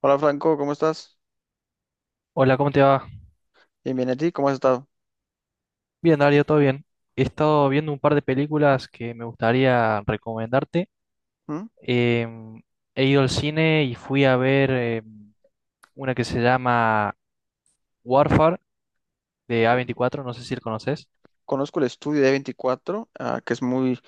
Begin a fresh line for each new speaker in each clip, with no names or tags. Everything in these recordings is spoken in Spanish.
Hola Franco, ¿cómo estás?
Hola, ¿cómo te va?
Bien, bien, ¿a ti? ¿Cómo has estado?
Bien, Dario, todo bien. He estado viendo un par de películas que me gustaría recomendarte.
¿Mm?
Em, he ido al cine y fui a ver una que se llama Warfare de A24. No sé si la conoces.
Conozco el estudio de 24, ah, que es muy...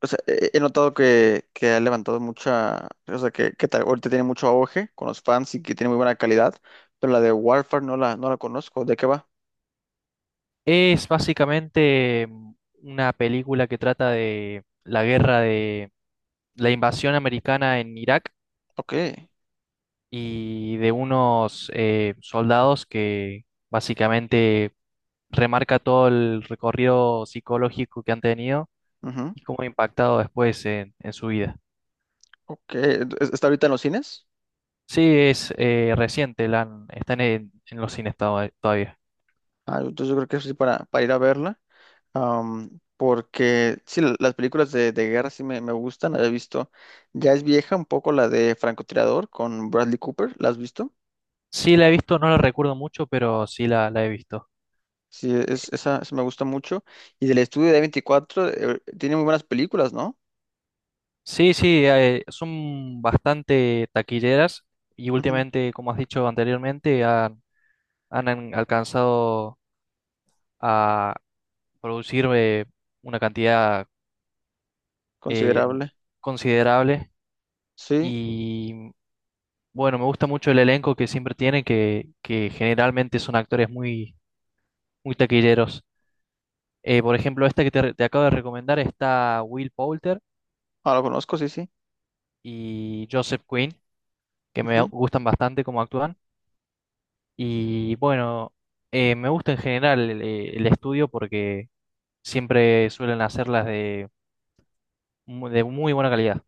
O sea, he notado que ha levantado mucha... O sea, ahorita tiene mucho auge con los fans y que tiene muy buena calidad, pero la de Warfare no la conozco. ¿De qué va?
Es básicamente una película que trata de la guerra de la invasión americana en Irak
Ok.
y de unos soldados que básicamente remarca todo el recorrido psicológico que han tenido
Ujú.
y cómo ha impactado después en su vida.
Ok. ¿Está ahorita en los cines?
Sí, es reciente, está en los cines todavía.
Ah, entonces yo creo que eso sí para ir a verla. Porque sí, las películas de guerra sí me gustan, la he visto. Ya es vieja un poco la de Francotirador con Bradley Cooper, ¿la has visto?
Sí, la he visto, no la recuerdo mucho, pero sí la he visto.
Sí, esa me gusta mucho. Y del estudio de veinticuatro tiene muy buenas películas, ¿no?
Sí, sí, son bastante taquilleras y
Ujú.
últimamente, como has dicho anteriormente, han alcanzado a producir una cantidad eh,
Considerable.
considerable.
Sí,
Y bueno, me gusta mucho el elenco que siempre tiene, que generalmente son actores muy, muy taquilleros. Por ejemplo, esta que te acabo de recomendar está Will Poulter
ah, lo conozco, sí, sí.
y Joseph Quinn, que me
Ujú.
gustan bastante cómo actúan. Y bueno, me gusta en general el estudio porque siempre suelen hacerlas de muy buena calidad.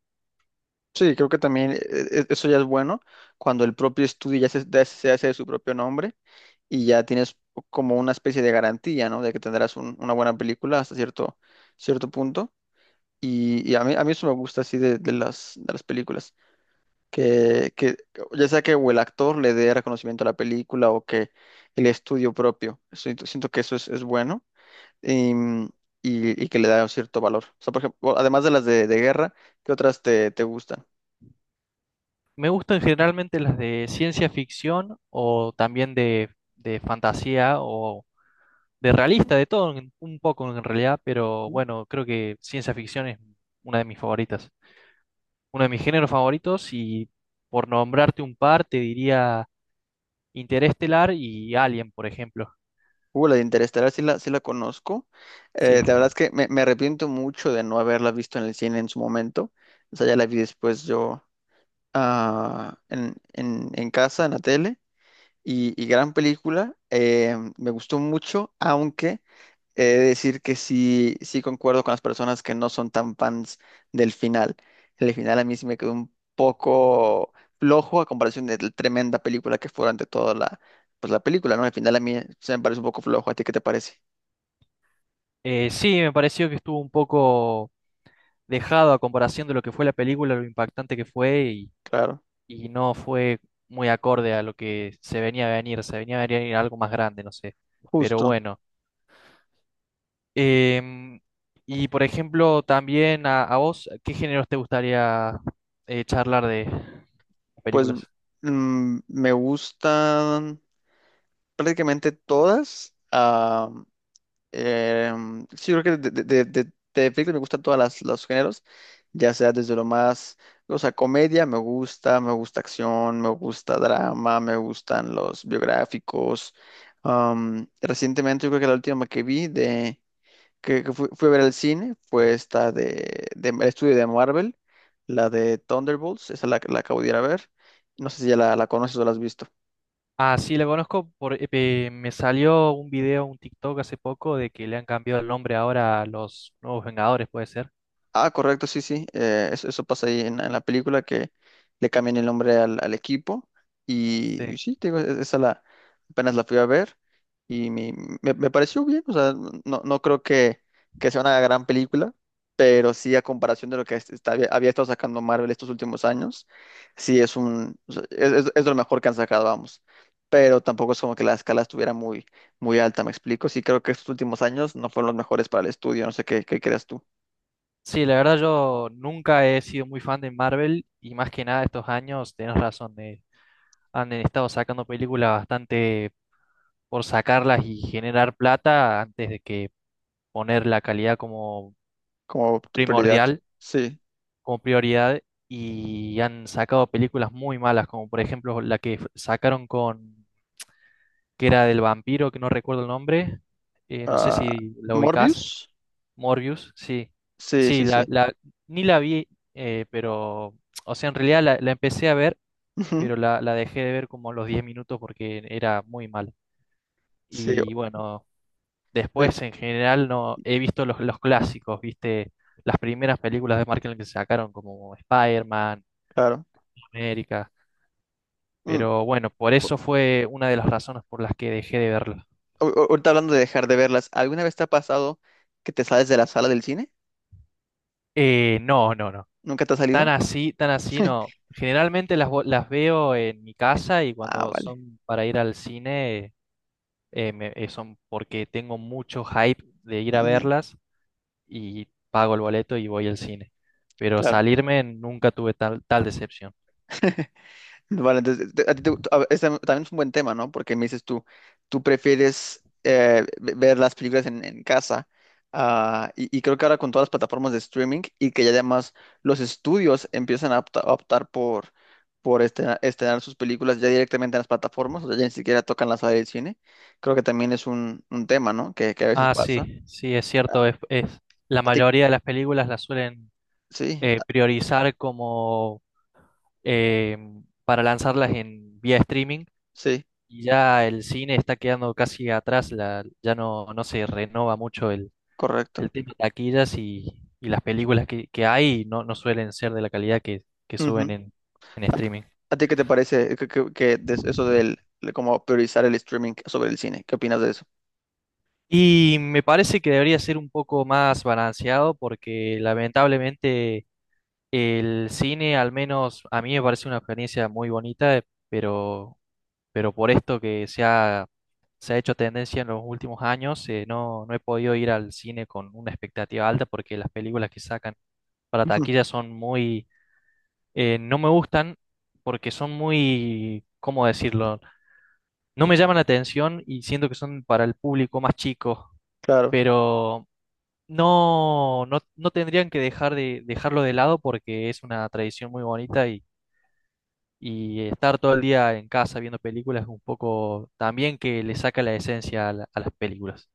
Sí, creo que también eso ya es bueno, cuando el propio estudio ya se hace de su propio nombre y ya tienes como una especie de garantía, ¿no? De que tendrás una buena película hasta cierto punto. Y a mí eso me gusta así de las películas, que ya sea que o el actor le dé reconocimiento a la película o que el estudio propio, siento que eso es bueno y, y que le da un cierto valor. O sea, por ejemplo, además de las de guerra, ¿qué otras te gustan?
Me gustan generalmente las de ciencia ficción o también de fantasía o de realista, de todo un poco en realidad, pero bueno, creo que ciencia ficción es una de mis favoritas, uno de mis géneros favoritos y por nombrarte un par te diría Interestelar y Alien, por ejemplo.
La de Interestelar sí la conozco.
Sí.
La verdad es que me arrepiento mucho de no haberla visto en el cine en su momento. O sea, ya la vi después yo en casa, en la tele. Y gran película. Me gustó mucho, aunque he de decir que sí, sí concuerdo con las personas que no son tan fans del final. El final a mí sí me quedó un poco flojo a comparación de la tremenda película que fue ante toda pues la película, ¿no? El final a mí se me parece un poco flojo. ¿A ti qué te parece?
Sí, me pareció que estuvo un poco dejado a comparación de lo que fue la película, lo impactante que fue
Claro,
y no fue muy acorde a lo que se venía a venir, algo más grande, no sé. Pero
justo.
bueno. Em, y por ejemplo, también a vos, ¿qué géneros te gustaría charlar de
Pues
películas?
me gustan prácticamente todas. Sí, creo que de películas me gustan todas los géneros, ya sea desde lo más, o sea, comedia me gusta acción, me gusta drama, me gustan los biográficos. Recientemente yo creo que la última que vi que fui a ver al cine fue esta de el estudio de Marvel, la de Thunderbolts, esa la acabo de ir a ver. No sé si ya la conoces o la has visto.
Ah, sí, la conozco. Me salió un video, un TikTok hace poco de que le han cambiado el nombre ahora a los Nuevos Vengadores, puede ser.
Ah, correcto, sí, sí. Eso, eso pasa ahí en la película que le cambian el nombre al equipo.
Sí.
Y sí, te digo, apenas la fui a ver y mi- me pareció bien. O sea, no creo que sea una gran película, pero sí a comparación de lo que había estado sacando Marvel estos últimos años, sí es un, o sea, es lo mejor que han sacado, vamos. Pero tampoco es como que la escala estuviera muy alta, ¿me explico? Sí creo que estos últimos años no fueron los mejores para el estudio. No sé qué creas tú.
Sí, la verdad yo nunca he sido muy fan de Marvel y más que nada estos años, tenés razón, han estado sacando películas bastante por sacarlas y generar plata antes de que poner la calidad como
Como tu prioridad.
primordial,
Sí.
como prioridad, y han sacado películas muy malas, como por ejemplo la que sacaron con, que era del vampiro, que no recuerdo el nombre, no sé
Ah,
si la ubicás,
Morbius.
Morbius, sí,
Sí,
sí,
sí, sí.
ni la vi, pero, o sea, en realidad la empecé a ver,
Ujú.
pero la dejé de ver como a los 10 minutos porque era muy mal.
Sí,
Y bueno.
oye,
Después, en general, no he visto los clásicos, ¿viste? Las primeras películas de Marvel que sacaron, como Spider-Man,
claro.
América.
Mm.
Pero bueno, por eso fue una de las razones por las que dejé de verla.
Ahorita hablando de dejar de verlas, ¿alguna vez te ha pasado que te sales de la sala del cine?
No, no, no.
¿Nunca te ha salido?
Tan así no. Generalmente las veo en mi casa y
Ah,
cuando
vale.
son para ir al cine, son porque tengo mucho hype de ir a
Ujú.
verlas y pago el boleto y voy al cine. Pero
Claro.
salirme nunca tuve tal decepción.
Vale, entonces, te- a ti te- a- este también es un buen tema, ¿no? Porque me dices tú, tú prefieres ver las películas en casa, ah, y creo que ahora con todas las plataformas de streaming y que ya además los estudios empiezan a a optar por estrenar sus películas ya directamente en las plataformas, o sea, ya ni siquiera tocan la sala del cine, creo que también es un tema, ¿no? Que a veces
Ah,
pasa.
sí, sí, es cierto. La
A ti,
mayoría de las películas las suelen
sí, a-
priorizar como eh, para lanzarlas en vía streaming
sí,
y ya el cine está quedando casi atrás, ya no se renova mucho el,
correcto.
el tema de taquillas y las películas que hay no suelen ser de la calidad que suben en
¿A,
streaming.
a ti qué te parece que de eso del, de como priorizar el streaming sobre el cine? ¿Qué opinas de eso?
Y me parece que debería ser un poco más balanceado porque lamentablemente el cine, al menos a mí me parece una experiencia muy bonita, pero, pero por esto que se ha hecho tendencia en los últimos años, no he podido ir al cine con una expectativa alta porque las películas que sacan para
Ujú.
taquilla no me gustan porque son muy, ¿cómo decirlo? No me llaman la atención y siento que son para el público más chico,
Claro.
pero no tendrían que dejarlo de lado porque es una tradición muy bonita y estar todo el día en casa viendo películas es un poco también que le saca la esencia a las películas.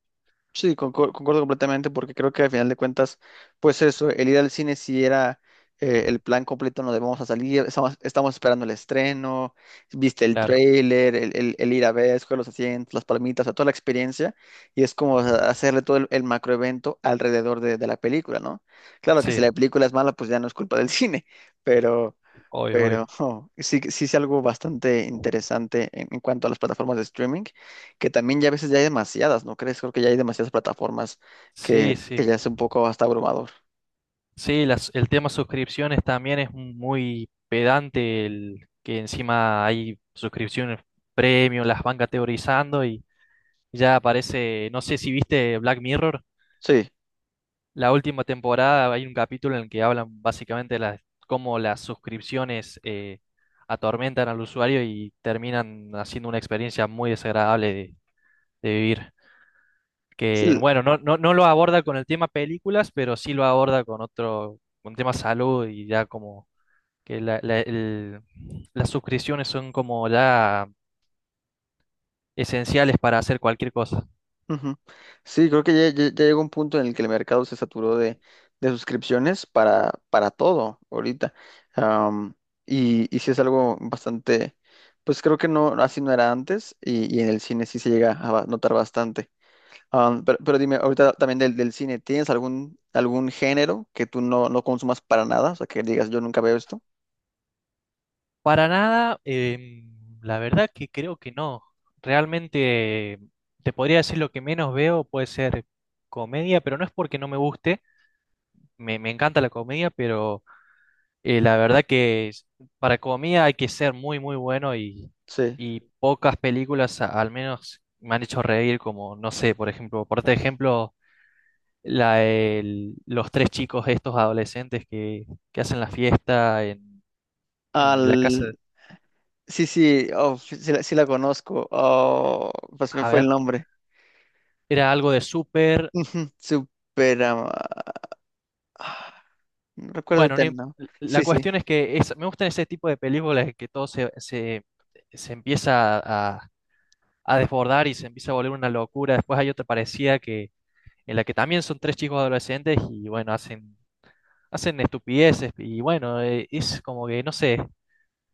Sí, concuerdo completamente porque creo que al final de cuentas, pues eso, el ir al cine si era el plan completo, no debemos a salir, estamos esperando el estreno, viste el
Claro,
tráiler, el ir a ver, escoger los asientos, las palmitas, o sea, toda la experiencia y es como o hacerle todo el macroevento alrededor de la película, ¿no? Claro que si la
sí,
película es mala, pues ya no es culpa del cine, pero,
obvio,
pero
obvio.
oh, sí, sí es algo bastante interesante en cuanto a las plataformas de streaming que también ya a veces ya hay demasiadas, ¿no crees? Creo que ya hay demasiadas plataformas
Sí, sí.
que ya es un poco hasta abrumador.
Sí, el tema suscripciones también es muy pedante, que encima hay suscripciones premium, las van categorizando y ya aparece, no sé si viste Black Mirror.
Sí,
La última temporada hay un capítulo en el que hablan básicamente cómo las suscripciones atormentan al usuario y terminan haciendo una experiencia muy desagradable de vivir.
sí,
Que
l-
bueno, no lo aborda con el tema películas, pero sí lo aborda con otro, con tema salud y ya como que las suscripciones son como ya esenciales para hacer cualquier cosa.
ujú. Sí, creo que ya, ya llegó un punto en el que el mercado se saturó de suscripciones para todo ahorita. Am, y sí es algo bastante, pues creo que no, así no era antes y en el cine sí se llega a notar bastante. Pero dime, ahorita también del cine, ¿tienes algún género que tú no consumas para nada? O sea, que digas, yo nunca veo esto.
Para nada, la verdad que creo que no. Realmente te podría decir lo que menos veo puede ser comedia, pero no es porque no me guste, me encanta la comedia, pero la verdad que para comedia hay que ser muy, muy bueno y,
Sí.
y pocas películas al menos me han hecho reír, como, no sé, por ejemplo, por este ejemplo, los tres chicos estos adolescentes que hacen la fiesta en la casa,
Al... Sí, sí, oh, sí, sí la conozco. Oh, pues me
a
fue el
ver,
nombre.
era algo de súper.
Ujú, Supera... ah, no recuerdo
Bueno,
ahorita
no
el
im-
nombre.
la
Sí, sí.
cuestión es que me gustan ese tipo de películas que todo se empieza a desbordar y se empieza a volver una locura. Después hay otra parecida en la que también son tres chicos adolescentes y bueno, hacen estupideces. Y bueno, es como que, no sé,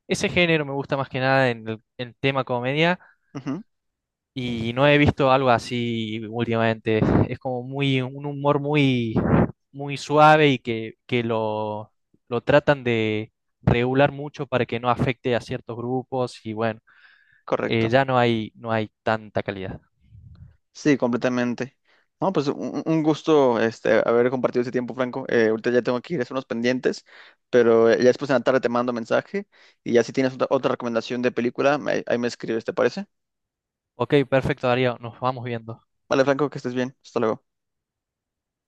ese género me gusta más que nada en tema comedia.
Ujú.
Y no he visto algo así últimamente. Es como un humor muy, muy suave y que lo tratan de regular mucho para que no afecte a ciertos grupos y bueno,
Correcto.
ya no hay tanta calidad.
Sí, completamente. No, pues un gusto este, haber compartido ese tiempo, Franco. Ahorita ya tengo que ir a hacer unos pendientes, pero ya después en la tarde te mando mensaje y ya si tienes otra, otra recomendación de película, ahí me escribes, ¿te parece?
Ok, perfecto, Darío, nos vamos viendo.
Vale, Franco, que estés bien. Hasta luego.